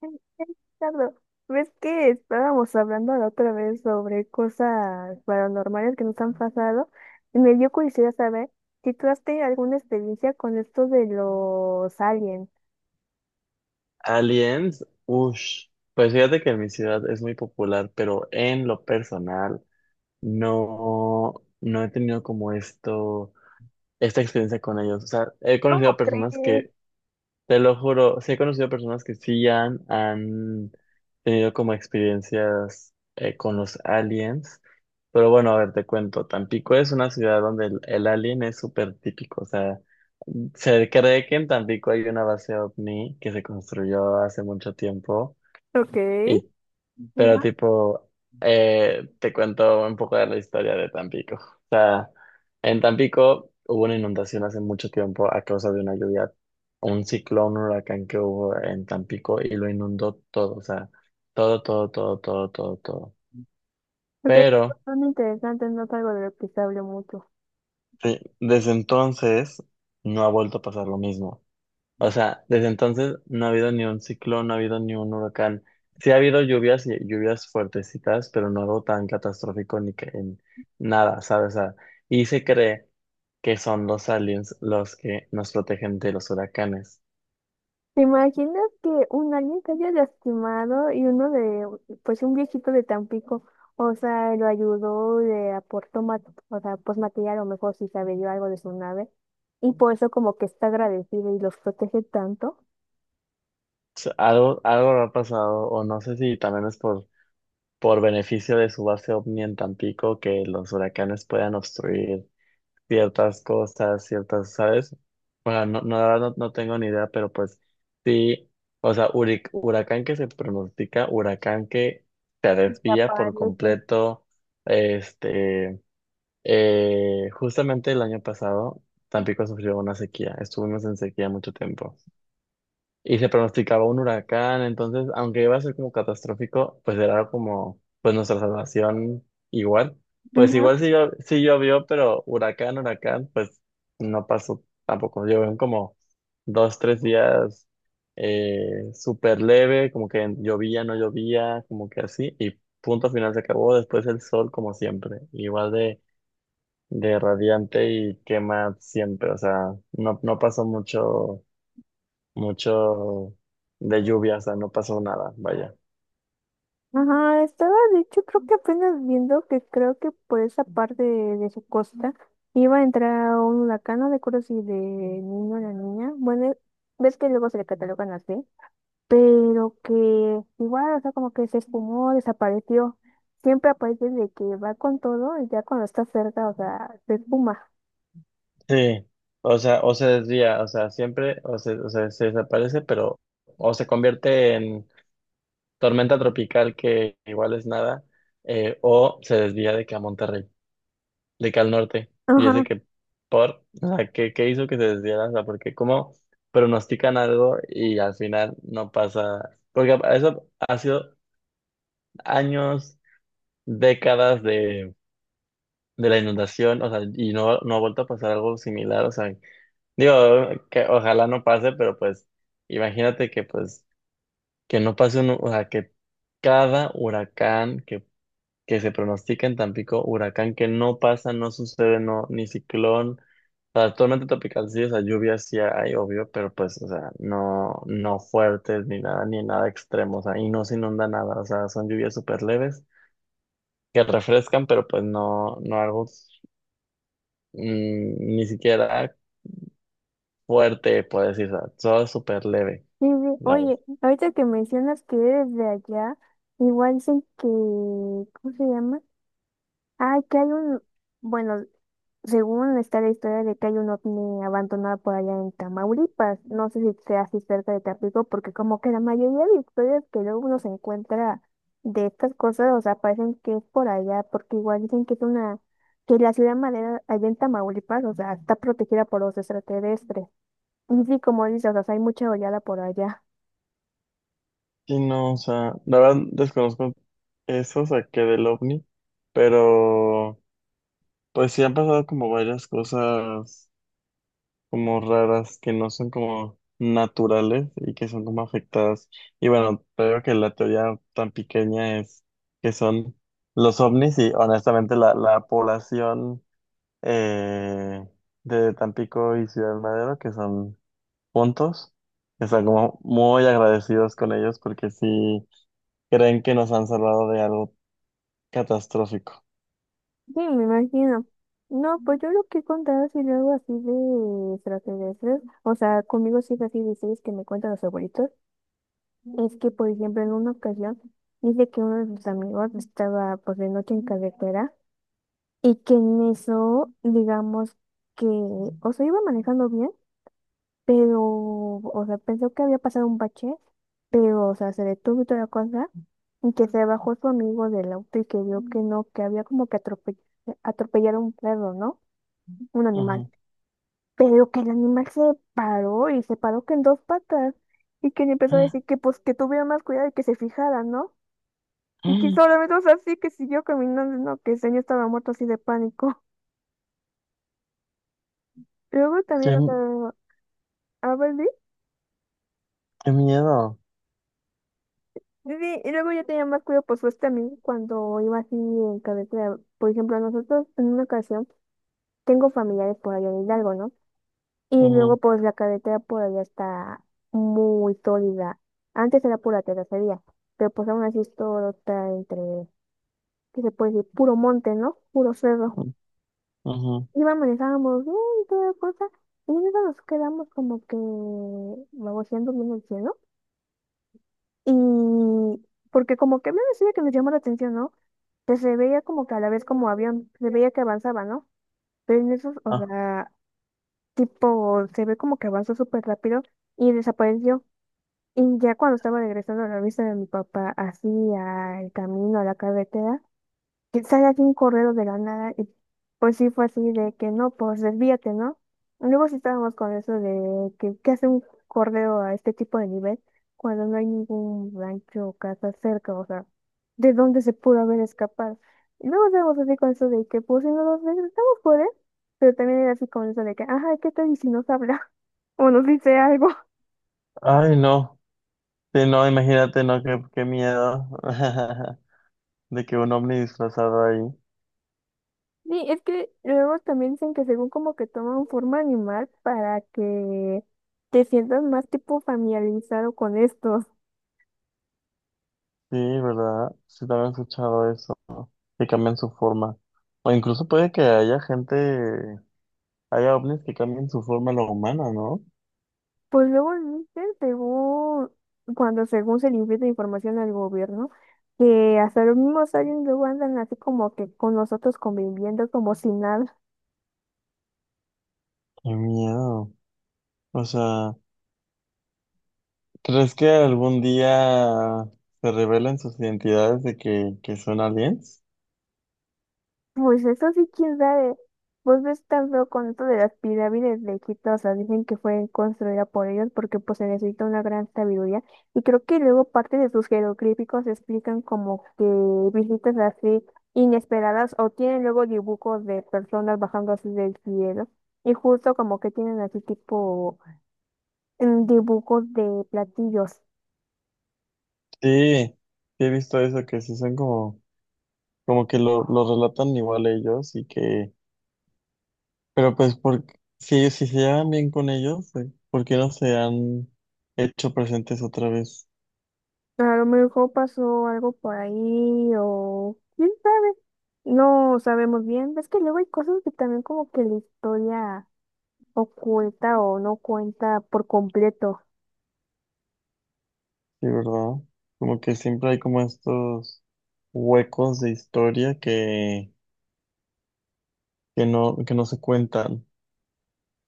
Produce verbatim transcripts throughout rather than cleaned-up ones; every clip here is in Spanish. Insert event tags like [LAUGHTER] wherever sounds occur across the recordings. Ay, ay, Ricardo, ¿ves que estábamos hablando la otra vez sobre cosas paranormales que nos han pasado? Y me dio curiosidad saber si tú has tenido alguna experiencia con esto de los aliens. Aliens, ush, pues fíjate que en mi ciudad es muy popular, pero en lo personal no, no he tenido como esto, esta experiencia con ellos. O sea, he conocido ¿Cómo personas crees? que, te lo juro, sí he conocido personas que sí han, han tenido como experiencias eh, con los aliens. Pero bueno, a ver, te cuento. Tampico es una ciudad donde el, el alien es súper típico. O sea, se cree que en Tampico hay una base ovni que se construyó hace mucho tiempo. Ok. Y, pero Ajá. tipo, eh, te cuento un poco de la historia de Tampico. En Tampico hubo una inundación hace mucho tiempo a causa de una lluvia, un ciclón, un huracán que hubo en Tampico y lo inundó todo, o sea, todo, todo, todo, todo, todo, todo. Ok, Pero son interesantes, no es algo de lo que se habló mucho. sí, desde entonces no ha vuelto a pasar lo mismo. O sea, desde entonces no ha habido ni un ciclón, no ha habido ni un huracán. Sí ha habido lluvias y lluvias fuertecitas, pero no algo tan catastrófico ni que en nada, ¿sabes? O sea, y se cree que son los aliens los que nos protegen de los huracanes. ¿Te imaginas que un alguien se haya lastimado y uno de, pues un viejito de Tampico, o sea, lo ayudó, le aportó, ma- o sea, pues material, o mejor si sabe dio algo de su nave, y por eso como que está agradecido y los protege tanto? Sea, algo, algo habrá pasado, o no sé si también es por, por beneficio de su base ovni en Tampico que los huracanes puedan obstruir ciertas cosas, ciertas, ¿sabes? Bueno, no, no, la verdad no, no tengo ni idea, pero pues sí, o sea, huric- huracán que se pronostica, huracán que se Se desvía por aparece. completo, este, eh, justamente el año pasado, Tampico sufrió una sequía, estuvimos en sequía mucho tiempo y se pronosticaba un huracán. Entonces, aunque iba a ser como catastrófico, pues era como, pues nuestra salvación igual. Pues Ajá, igual sí, llo- sí llovió, pero huracán, huracán, pues no pasó tampoco. Llovieron como dos, tres días eh, súper leve, como que llovía, no llovía, como que así, y punto final se acabó. Después el sol, como siempre, igual de, de radiante y quema siempre. O sea, no, no pasó mucho mucho de lluvia, o sea, no pasó nada, vaya. ajá, estaba de hecho creo que apenas viendo que creo que por esa parte de, de su costa iba a entrar un huracán, no recuerdo si de niño o la niña, bueno, ves que luego se le catalogan así. Pero que igual, o sea, como que se esfumó, desapareció. Siempre aparece de que va con todo y ya cuando está cerca, o sea, se esfuma. [LAUGHS] Sí. O sea, o se desvía, o sea, siempre, o se, o sea, se desaparece, pero o se convierte en tormenta tropical que igual es nada, eh, o se desvía de que a Monterrey, de que al norte. Y es de Ajá, que, por, o sea, ¿qué, qué hizo que se desviara? O sea, porque como pronostican algo y al final no pasa, porque eso ha sido años, décadas de la inundación, o sea, y no, no ha vuelto a pasar algo similar, o sea, digo, que ojalá no pase, pero pues imagínate que pues que no pase un, o sea, que cada huracán que, que se pronostica en Tampico, huracán que no pasa, no sucede, no, ni ciclón, o sea, tormenta tropical sí, o sea, lluvias sí hay, obvio, pero pues, o sea, no, no fuertes ni nada, ni nada extremo, o sea, y no se inunda nada, o sea, son lluvias súper leves que refrescan, pero pues no, no algo mm, ni siquiera fuerte, por decirlo, solo súper leve, sí, sí. la verdad. Oye, ahorita que mencionas que eres de allá, igual dicen que, ¿cómo se llama? Ah, que hay un, bueno, según está la historia de que hay un ovni abandonado por allá en Tamaulipas, no sé si sea así cerca de Tampico, porque como que la mayoría de historias que luego uno se encuentra de estas cosas, o sea, parecen que es por allá, porque igual dicen que es una, que la ciudad madera allá en Tamaulipas, o sea, está protegida por los extraterrestres. Y sí, como dices, o sea, hay mucha oleada por allá. [LAUGHS] Y no, o sea, la verdad desconozco eso, o sea, que del ovni, pero pues sí han pasado como varias cosas como raras que no son como naturales y que son como afectadas. Y bueno, creo que la teoría tan pequeña es que son los ovnis y honestamente la, la población eh, de Tampico y Ciudad Madero, que son puntos. Están como muy agradecidos con ellos porque sí creen que nos han salvado de algo catastrófico. Sí, me imagino. No, pues yo lo que he contado así luego así de extraterrestres, o sea, conmigo sí es así de historias que me cuentan los abuelitos. Es que, por ejemplo, en una ocasión dice que uno de sus amigos estaba por de noche en carretera y que en eso, digamos que, o sea, iba manejando bien, pero, o sea, pensó que había pasado un bache, pero, o sea, se detuvo y toda la cosa, y que se bajó su amigo del auto y que vio que no, que había como que atrope- atropellar a un perro, ¿no? Un animal. Ujú. Pero que el animal se paró y se paró que en dos patas y que le empezó a decir [GASPS] que pues que tuviera más cuidado y que se fijara, ¿no? Y que solamente, o sea, sí que siguió caminando, ¿no? Que el señor estaba muerto así de pánico. [LAUGHS] Luego ¡Qué, también, o sea, a ver, sí, qué miedo! sí, y luego ya tenía más cuidado por su este amigo cuando iba así en carretera. Por ejemplo, nosotros en una ocasión tengo familiares por allá en Hidalgo, ¿no? Y luego Ujú, pues la carretera por allá está muy sólida. Antes era pura terracería, pero pues aún así es todo está entre, ¿qué se puede decir? Puro monte, ¿no? Puro cerro. ujú, ujú. Íbamos, estábamos bien y toda cosa, y en eso nos quedamos como que baboseando viendo el cielo, y porque como que me decía que nos llamó la atención, ¿no? Que se veía como que a la vez como avión, se veía que avanzaba, ¿no? Pero en eso, o Ah. sea, tipo, se ve como que avanzó súper rápido y desapareció. Y ya cuando estaba regresando a la vista de mi papá, así al camino, a la carretera, que sale así un correo de la nada y pues sí fue así de que no, pues desvíate, ¿no? Luego sí estábamos con eso de que qué hace un correo a este tipo de nivel cuando no hay ningún rancho o casa cerca, o sea, ¿de dónde se pudo haber escapado? Y luego estábamos así con eso de que pues si nos regresamos por él, pero también era así con eso de que, ajá, ¿qué tal y si nos habla? [LAUGHS] O nos dice algo. Ay, no. Sí, no, imagínate, no, qué, qué miedo [LAUGHS] de que un ovni disfrazado ahí. Sí, es que luego también dicen que según como que toman forma animal para que te sientas más tipo familiarizado con estos. Sí, ¿verdad? Sí, también he escuchado eso, que cambian su forma. O incluso puede que haya gente, haya ovnis que cambien su forma a la humana, ¿no? Pues luego dicen según, cuando según se le invierte información al gobierno, que hasta los mismos aliens luego andan así como que con nosotros conviviendo como si nada. Qué miedo. O sea, ¿crees que algún día se revelen sus identidades de que, que son aliens? Pues eso sí, quién sabe. Vos ves tan feo con esto de las pirámides de Egipto, o sea, dicen que fue construida por ellos porque pues se necesita una gran sabiduría y creo que luego parte de sus jeroglíficos explican como que visitas así inesperadas o tienen luego dibujos de personas bajando así del cielo y justo como que tienen así tipo mm, dibujos de platillos. Sí, sí he visto eso, que sí son como, como que lo, lo relatan igual ellos y que, pero pues por, si, ellos- si se llevan bien con ellos, eh, ¿por qué no se han hecho presentes otra vez? A lo mejor pasó algo por ahí o quién sabe. No sabemos bien. Es que luego hay cosas que también como que la historia oculta o no cuenta por completo. Sí, ¿verdad? Como que siempre hay como estos huecos de historia que, que no, que no se cuentan.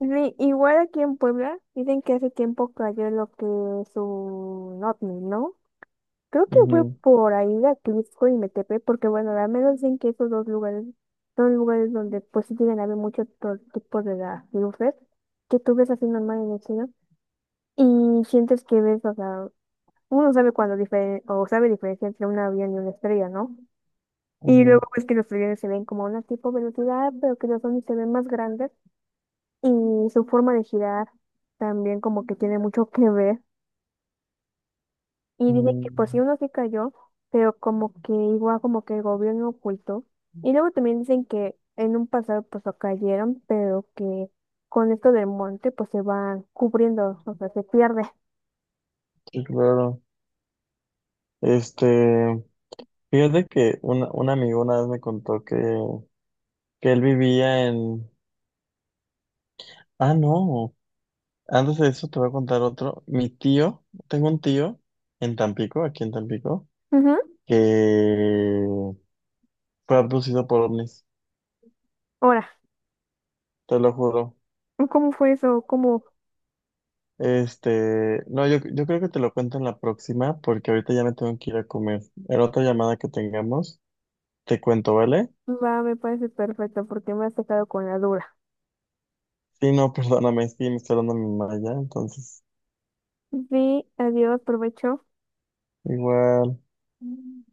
Ni- igual aquí en Puebla dicen que hace tiempo cayó lo que es un ovni, ¿no? Creo que fue Ujú, por ahí de Atlixco y Metepe, porque bueno, al menos dicen que esos dos lugares son lugares donde pues sí tienen a haber muchos tipos de las luces que tú ves así normal en el cielo. Y sientes que ves, o sea, uno sabe cuando diferen- o sabe diferencia entre un avión y una estrella, ¿no? Y ujú, luego ves que los aviones se ven como a una tipo velocidad, pero que los ovnis se ven más grandes y su forma de girar también como que tiene mucho que ver. Y dice que ujú. pues sí uno sí cayó, pero como que igual como que el gobierno ocultó. Y luego también dicen que en un pasado pues lo cayeron, pero que con esto del monte pues se van cubriendo, o sea, se pierde. Sí, claro. Este... Fíjate que un un amigo una vez me contó que, que él vivía en... Ah, no. Antes de eso te voy a contar otro. Mi tío, tengo un tío en Tampico, aquí en Tampico, Ujú. que fue abducido por ovnis, Ahora, te lo juro. ¿cómo fue eso? ¿Cómo? Este, no, yo, yo creo que te lo cuento en la próxima porque ahorita ya me tengo que ir a comer. En otra llamada que tengamos, te cuento, ¿vale? Va, me parece perfecto porque me has dejado con la duda. Sí, no, [LAUGHS] perdóname, es que me está dando mi mamá ya, entonces, Sí, adiós, provecho. igual. Mm.